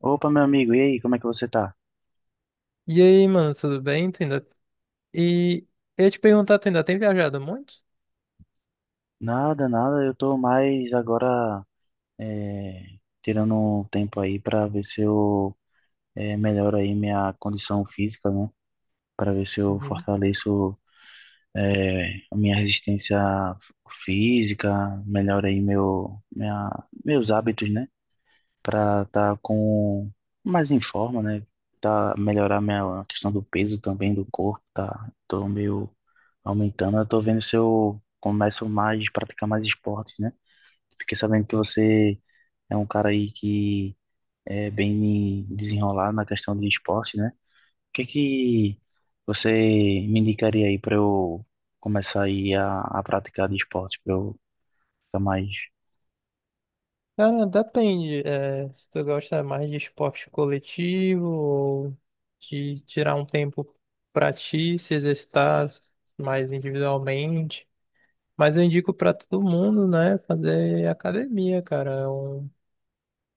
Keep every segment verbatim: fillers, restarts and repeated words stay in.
Opa, meu amigo, e aí, como é que você tá? E aí, mano, tudo bem? Tu ainda... E eu ia te perguntar, tu ainda tem viajado muito? Nada, nada, Eu tô mais agora é, tirando um tempo aí pra ver se eu é, melhoro aí minha condição física, né? Para ver se eu Uhum. fortaleço é, a minha resistência física, melhoro aí meu, minha, meus hábitos, né? Para estar com mais em forma, né? Tá, melhorar minha a questão do peso também do corpo, tá? Tô meio aumentando. Eu tô vendo se eu começo mais, praticar mais esportes, né? Fiquei sabendo que você é um cara aí que é bem desenrolado na questão de esporte, né? O que que você me indicaria aí para eu começar aí a, a praticar de esporte, para eu ficar mais. Cara, depende, é, se tu gosta mais de esporte coletivo ou de tirar um tempo pra ti, se exercitar mais individualmente. Mas eu indico para todo mundo, né, fazer academia, cara. É um,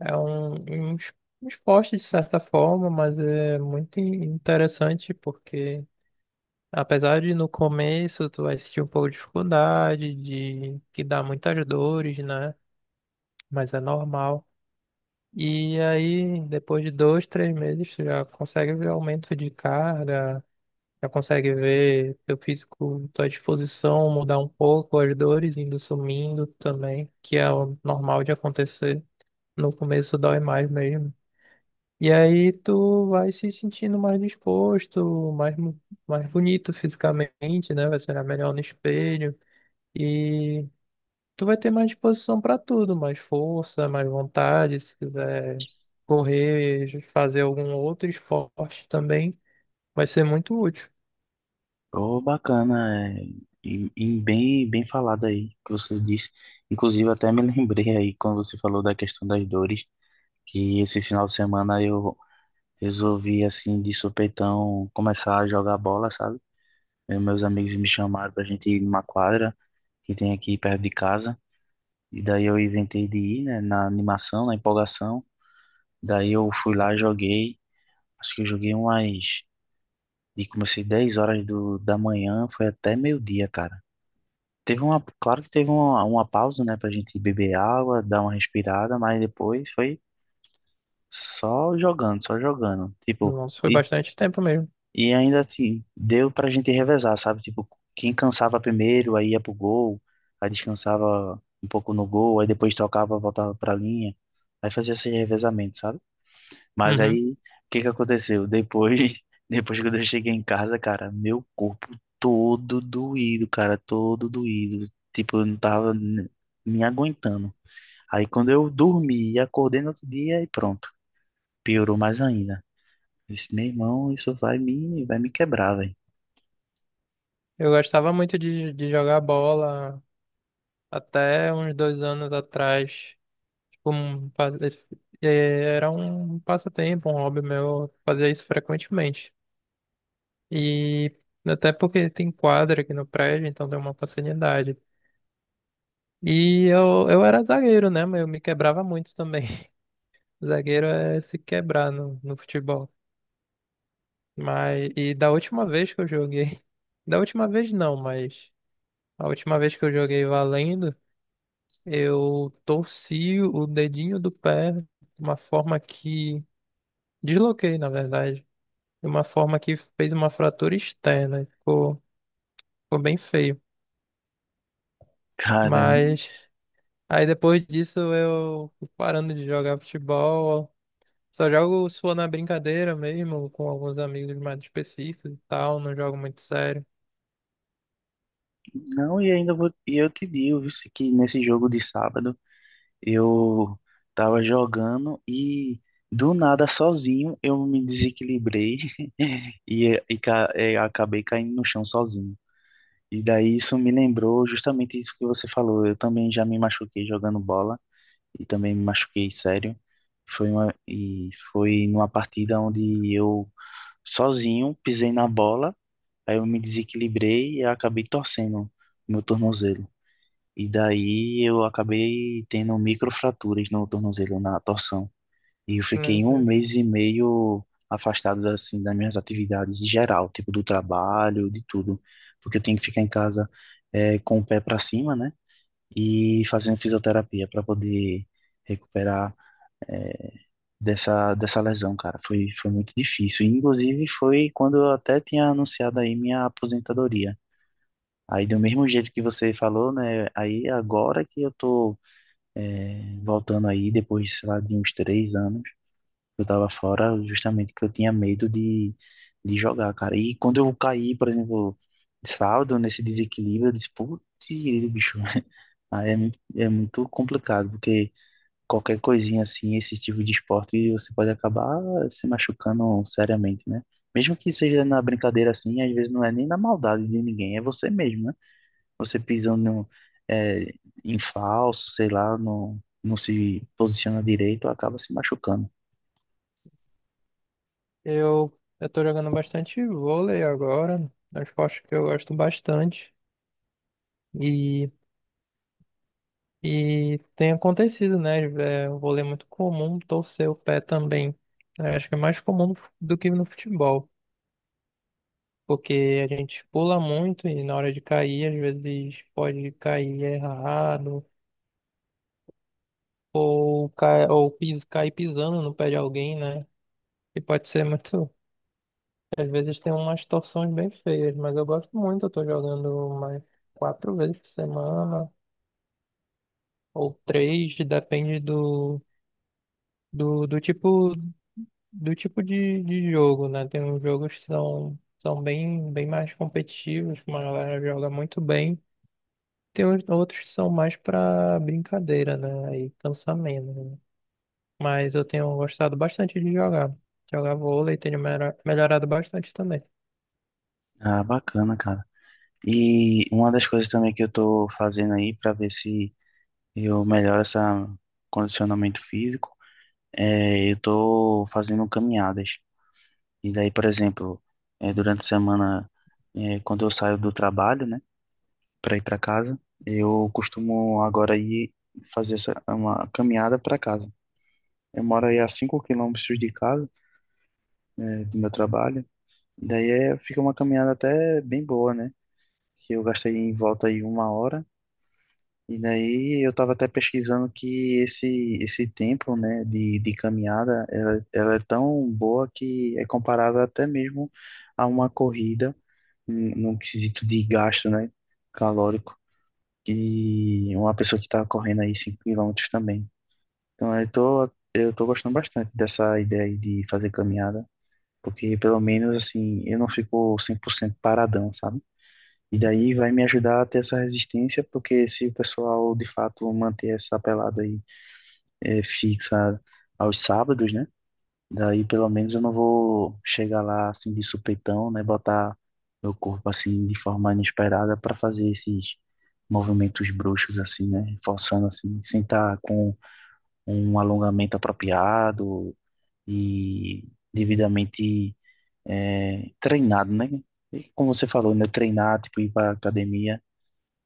é um, um es- um esporte de certa forma, mas é muito in- interessante porque, apesar de no começo tu vai sentir um pouco de dificuldade, de que dá muitas dores, né, mas é normal. E aí, depois de dois, três meses, tu já consegue ver aumento de carga, já consegue ver teu físico, tua disposição mudar um pouco, as dores indo sumindo também, que é o normal de acontecer. No começo dói mais mesmo. E aí tu vai se sentindo mais disposto, mais, mo- mais bonito fisicamente, né? Vai ser melhor no espelho. E tu vai ter mais disposição para tudo, mais força, mais vontade, se quiser correr, fazer algum outro esporte também, vai ser muito útil. Oh, bacana, é, e, e bem, bem falado aí que você disse. Inclusive, até me lembrei aí quando você falou da questão das dores, que esse final de semana eu resolvi, assim, de supetão, começar a jogar bola, sabe? E meus amigos me chamaram pra gente ir numa quadra que tem aqui perto de casa, e daí eu inventei de ir, né, na animação, na empolgação. Daí eu fui lá, joguei, acho que eu joguei umas, e comecei dez horas do, da manhã, foi até meio-dia, cara. Teve uma, claro que teve uma, uma pausa, né, pra gente beber água, dar uma respirada, mas depois foi só jogando, só jogando. Tipo, Nossa, foi e, bastante tempo mesmo. e ainda assim, deu pra gente revezar, sabe? Tipo, quem cansava primeiro, aí ia pro gol, aí descansava um pouco no gol, aí depois tocava, voltava pra linha, aí fazia esse revezamento, sabe? Mas Uhum. aí, o que que aconteceu? Depois, depois que eu cheguei em casa, cara, meu corpo todo doído, cara, todo doído. Tipo, eu não tava ne- me aguentando. Aí quando eu dormi e acordei no outro dia, e pronto, piorou mais ainda. Eu disse, meu irmão, isso vai me, vai me quebrar, velho. Eu gostava muito de, de jogar bola até uns dois anos atrás. Tipo, um pa- eh, Era um passatempo, um hobby meu. Eu Fazia isso frequentemente. E até porque tem quadra aqui no prédio, então deu uma facilidade. E eu, eu era zagueiro, né? Mas eu me quebrava muito também. Zagueiro é se quebrar no, no futebol. Mas, e da última vez que eu joguei. Da última vez não, mas a última vez que eu joguei valendo. Eu torci o dedinho do pé de uma forma que. Desloquei, na verdade. De uma forma que fez uma fratura externa. Ficou, ficou bem feio. Cara, Mas aí depois disso eu fui parando de jogar futebol. Só jogo só na brincadeira mesmo, com alguns amigos mais específicos e tal. Não jogo muito sério. não, e ainda vou, e eu te digo, viu, que nesse jogo de sábado. Eu tava jogando e do nada sozinho eu me desequilibrei e, e, ca- e acabei caindo no chão sozinho. E daí isso me lembrou justamente isso que você falou. Eu também já me machuquei jogando bola e também me machuquei sério. Foi uma, e foi numa partida onde eu sozinho pisei na bola, aí eu me desequilibrei e acabei torcendo meu tornozelo. E daí eu acabei tendo microfraturas no tornozelo, na torção. E eu Né? fiquei um Né. mês e meio afastado assim das minhas atividades em geral, tipo do trabalho, de tudo, porque eu tenho que ficar em casa eh, com o pé para cima, né? E fazendo fisioterapia para poder recuperar eh, dessa dessa lesão, cara. Foi foi muito difícil. E, inclusive foi quando eu até tinha anunciado aí minha aposentadoria. Aí do mesmo jeito que você falou, né? Aí agora que eu tô é, voltando aí, depois, sei lá, de uns três anos, eu tava fora justamente que eu tinha medo de, de jogar, cara. E quando eu caí, por exemplo, de saldo, nesse desequilíbrio, eu disse, putz, bicho, aí é muito, é muito complicado, porque qualquer coisinha assim, esse tipo de esporte, você pode acabar se machucando seriamente, né? Mesmo que seja na brincadeira assim, às vezes não é nem na maldade de ninguém, é você mesmo, né? Você pisando no, é, em falso, sei lá, não, não se posiciona direito, acaba se machucando. Eu, eu tô jogando bastante vôlei agora. É um esporte que eu gosto bastante. e E tem acontecido, né? É um vôlei muito comum torcer o pé também. Eu acho que é mais comum do que no futebol, porque a gente pula muito e na hora de cair, às vezes pode cair errado, ou, cai, ou pis, cair pisando no pé de alguém, né? E pode ser muito. Às vezes tem umas torções bem feias, mas eu gosto muito. Eu tô jogando mais quatro vezes por semana, ou três, depende do, do, do tipo. Do tipo de, de jogo, né? Tem uns jogos que são, são bem, bem mais competitivos, que uma galera joga muito bem. Tem os- outros que são mais pra brincadeira, né? Aí cansa menos, né? Mas eu tenho gostado bastante de jogar. Jogar vôlei tenho melhora- melhorado bastante também. Ah, bacana, cara. E uma das coisas também que eu tô fazendo aí para ver se eu melhoro esse condicionamento físico, é, eu tô fazendo caminhadas. E daí, por exemplo, é, durante a semana, é, quando eu saio do trabalho, né, para ir para casa, eu costumo agora ir fazer essa, uma caminhada para casa. Eu moro aí a cinco quilômetros de casa, né, do meu trabalho. Daí é, fica uma caminhada até bem boa, né? Que eu gastei em volta aí uma hora. E daí eu estava até pesquisando que esse, esse tempo, né, de, de caminhada, ela, ela é tão boa que é comparável até mesmo a uma corrida, hum, num quesito de gasto, né, calórico, que uma pessoa que está correndo aí cinco quilômetros também. Então eu tô, eu tô gostando bastante dessa ideia aí de fazer caminhada. Porque pelo menos assim eu não fico cem por cento paradão, sabe? E daí vai me ajudar a ter essa resistência, porque se o pessoal de fato manter essa pelada aí é, fixa aos sábados, né? Daí pelo menos eu não vou chegar lá assim de supetão, né? Botar meu corpo assim de forma inesperada para fazer esses movimentos bruxos assim, né? Forçando assim, sem estar com um alongamento apropriado e devidamente é, treinado, né? E como você falou, né? Treinar, tipo, ir para academia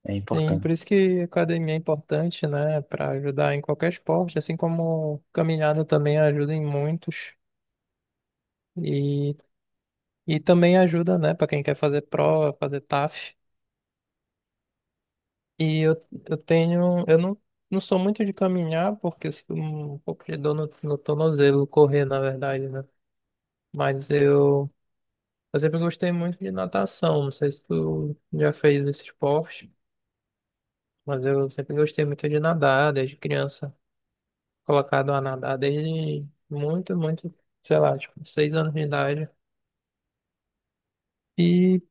é Sim, importante. por isso que academia é importante, né? Pra ajudar em qualquer esporte, assim como caminhada também ajuda em muitos. E, e também ajuda, né? Pra quem quer fazer prova, fazer taf. E eu, eu tenho. Eu não, Não sou muito de caminhar, porque eu sinto um pouco de dor no, no tornozelo, correr, na verdade, né? Mas eu, eu sempre gostei muito de natação. Não sei se tu já fez esse esporte, mas eu sempre gostei muito de nadar, desde criança. Colocado a nadar desde muito, muito, sei lá, tipo, seis anos de idade. E,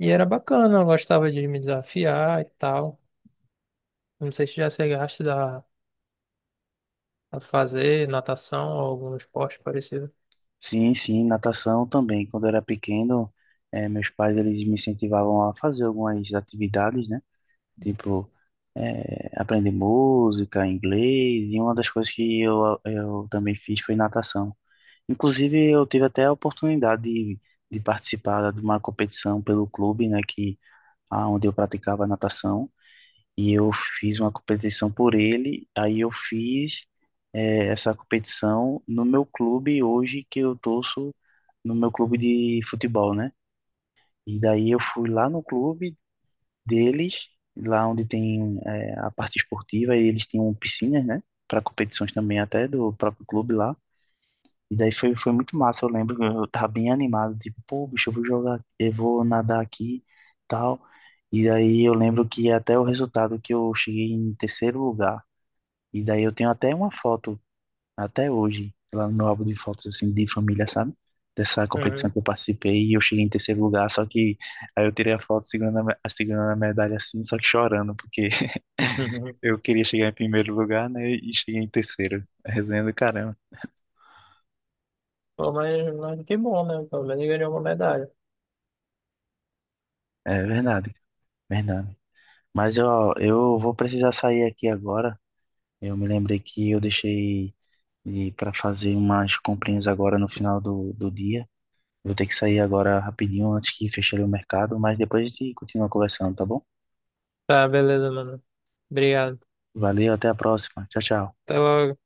e era bacana, eu gostava de me desafiar e tal. Não sei se já chegaste a, a fazer natação ou algum esporte parecido. Sim, sim, natação também. Quando eu era pequeno, é, meus pais eles me incentivavam a fazer algumas atividades, né? Tipo, é, aprender música, inglês. E uma das coisas que eu, eu também fiz foi natação. Inclusive, eu tive até a oportunidade de, de participar de uma competição pelo clube, né? Que, ah, onde eu praticava natação. E eu fiz uma competição por ele, aí eu fiz eh, essa competição no meu clube hoje que eu torço, no meu clube de futebol, né? E daí eu fui lá no clube deles, lá onde tem eh, a parte esportiva, e eles tinham piscinas, né? Para competições também até do próprio clube lá. E daí foi, foi muito massa, eu lembro que eu tava bem animado, tipo, pô, bicho, eu vou jogar, eu vou nadar aqui, tal. E daí eu lembro que até o resultado que eu cheguei em terceiro lugar, e daí eu tenho até uma foto, até hoje, lá no meu álbum de fotos, assim, de família, sabe? Dessa competição Uhum. que eu participei e eu cheguei em terceiro lugar, só que aí eu tirei a foto segurando a, me- segurando a medalha assim, só que chorando, porque Uhum. eu queria chegar em primeiro lugar, né? E cheguei em terceiro. Resenha do caramba. Pô, mas, mas que bom, né? Pelo menos ganhou uma medalha. É verdade, verdade. Mas ó, eu vou precisar sair aqui agora. Eu me lembrei que eu deixei para fazer umas comprinhas agora no final do, do dia. Vou ter que sair agora rapidinho antes que feche ali o mercado, mas depois a gente continua conversando, tá bom? Tá, beleza, mano. Obrigado. Valeu, até a próxima. Tchau, tchau. Então,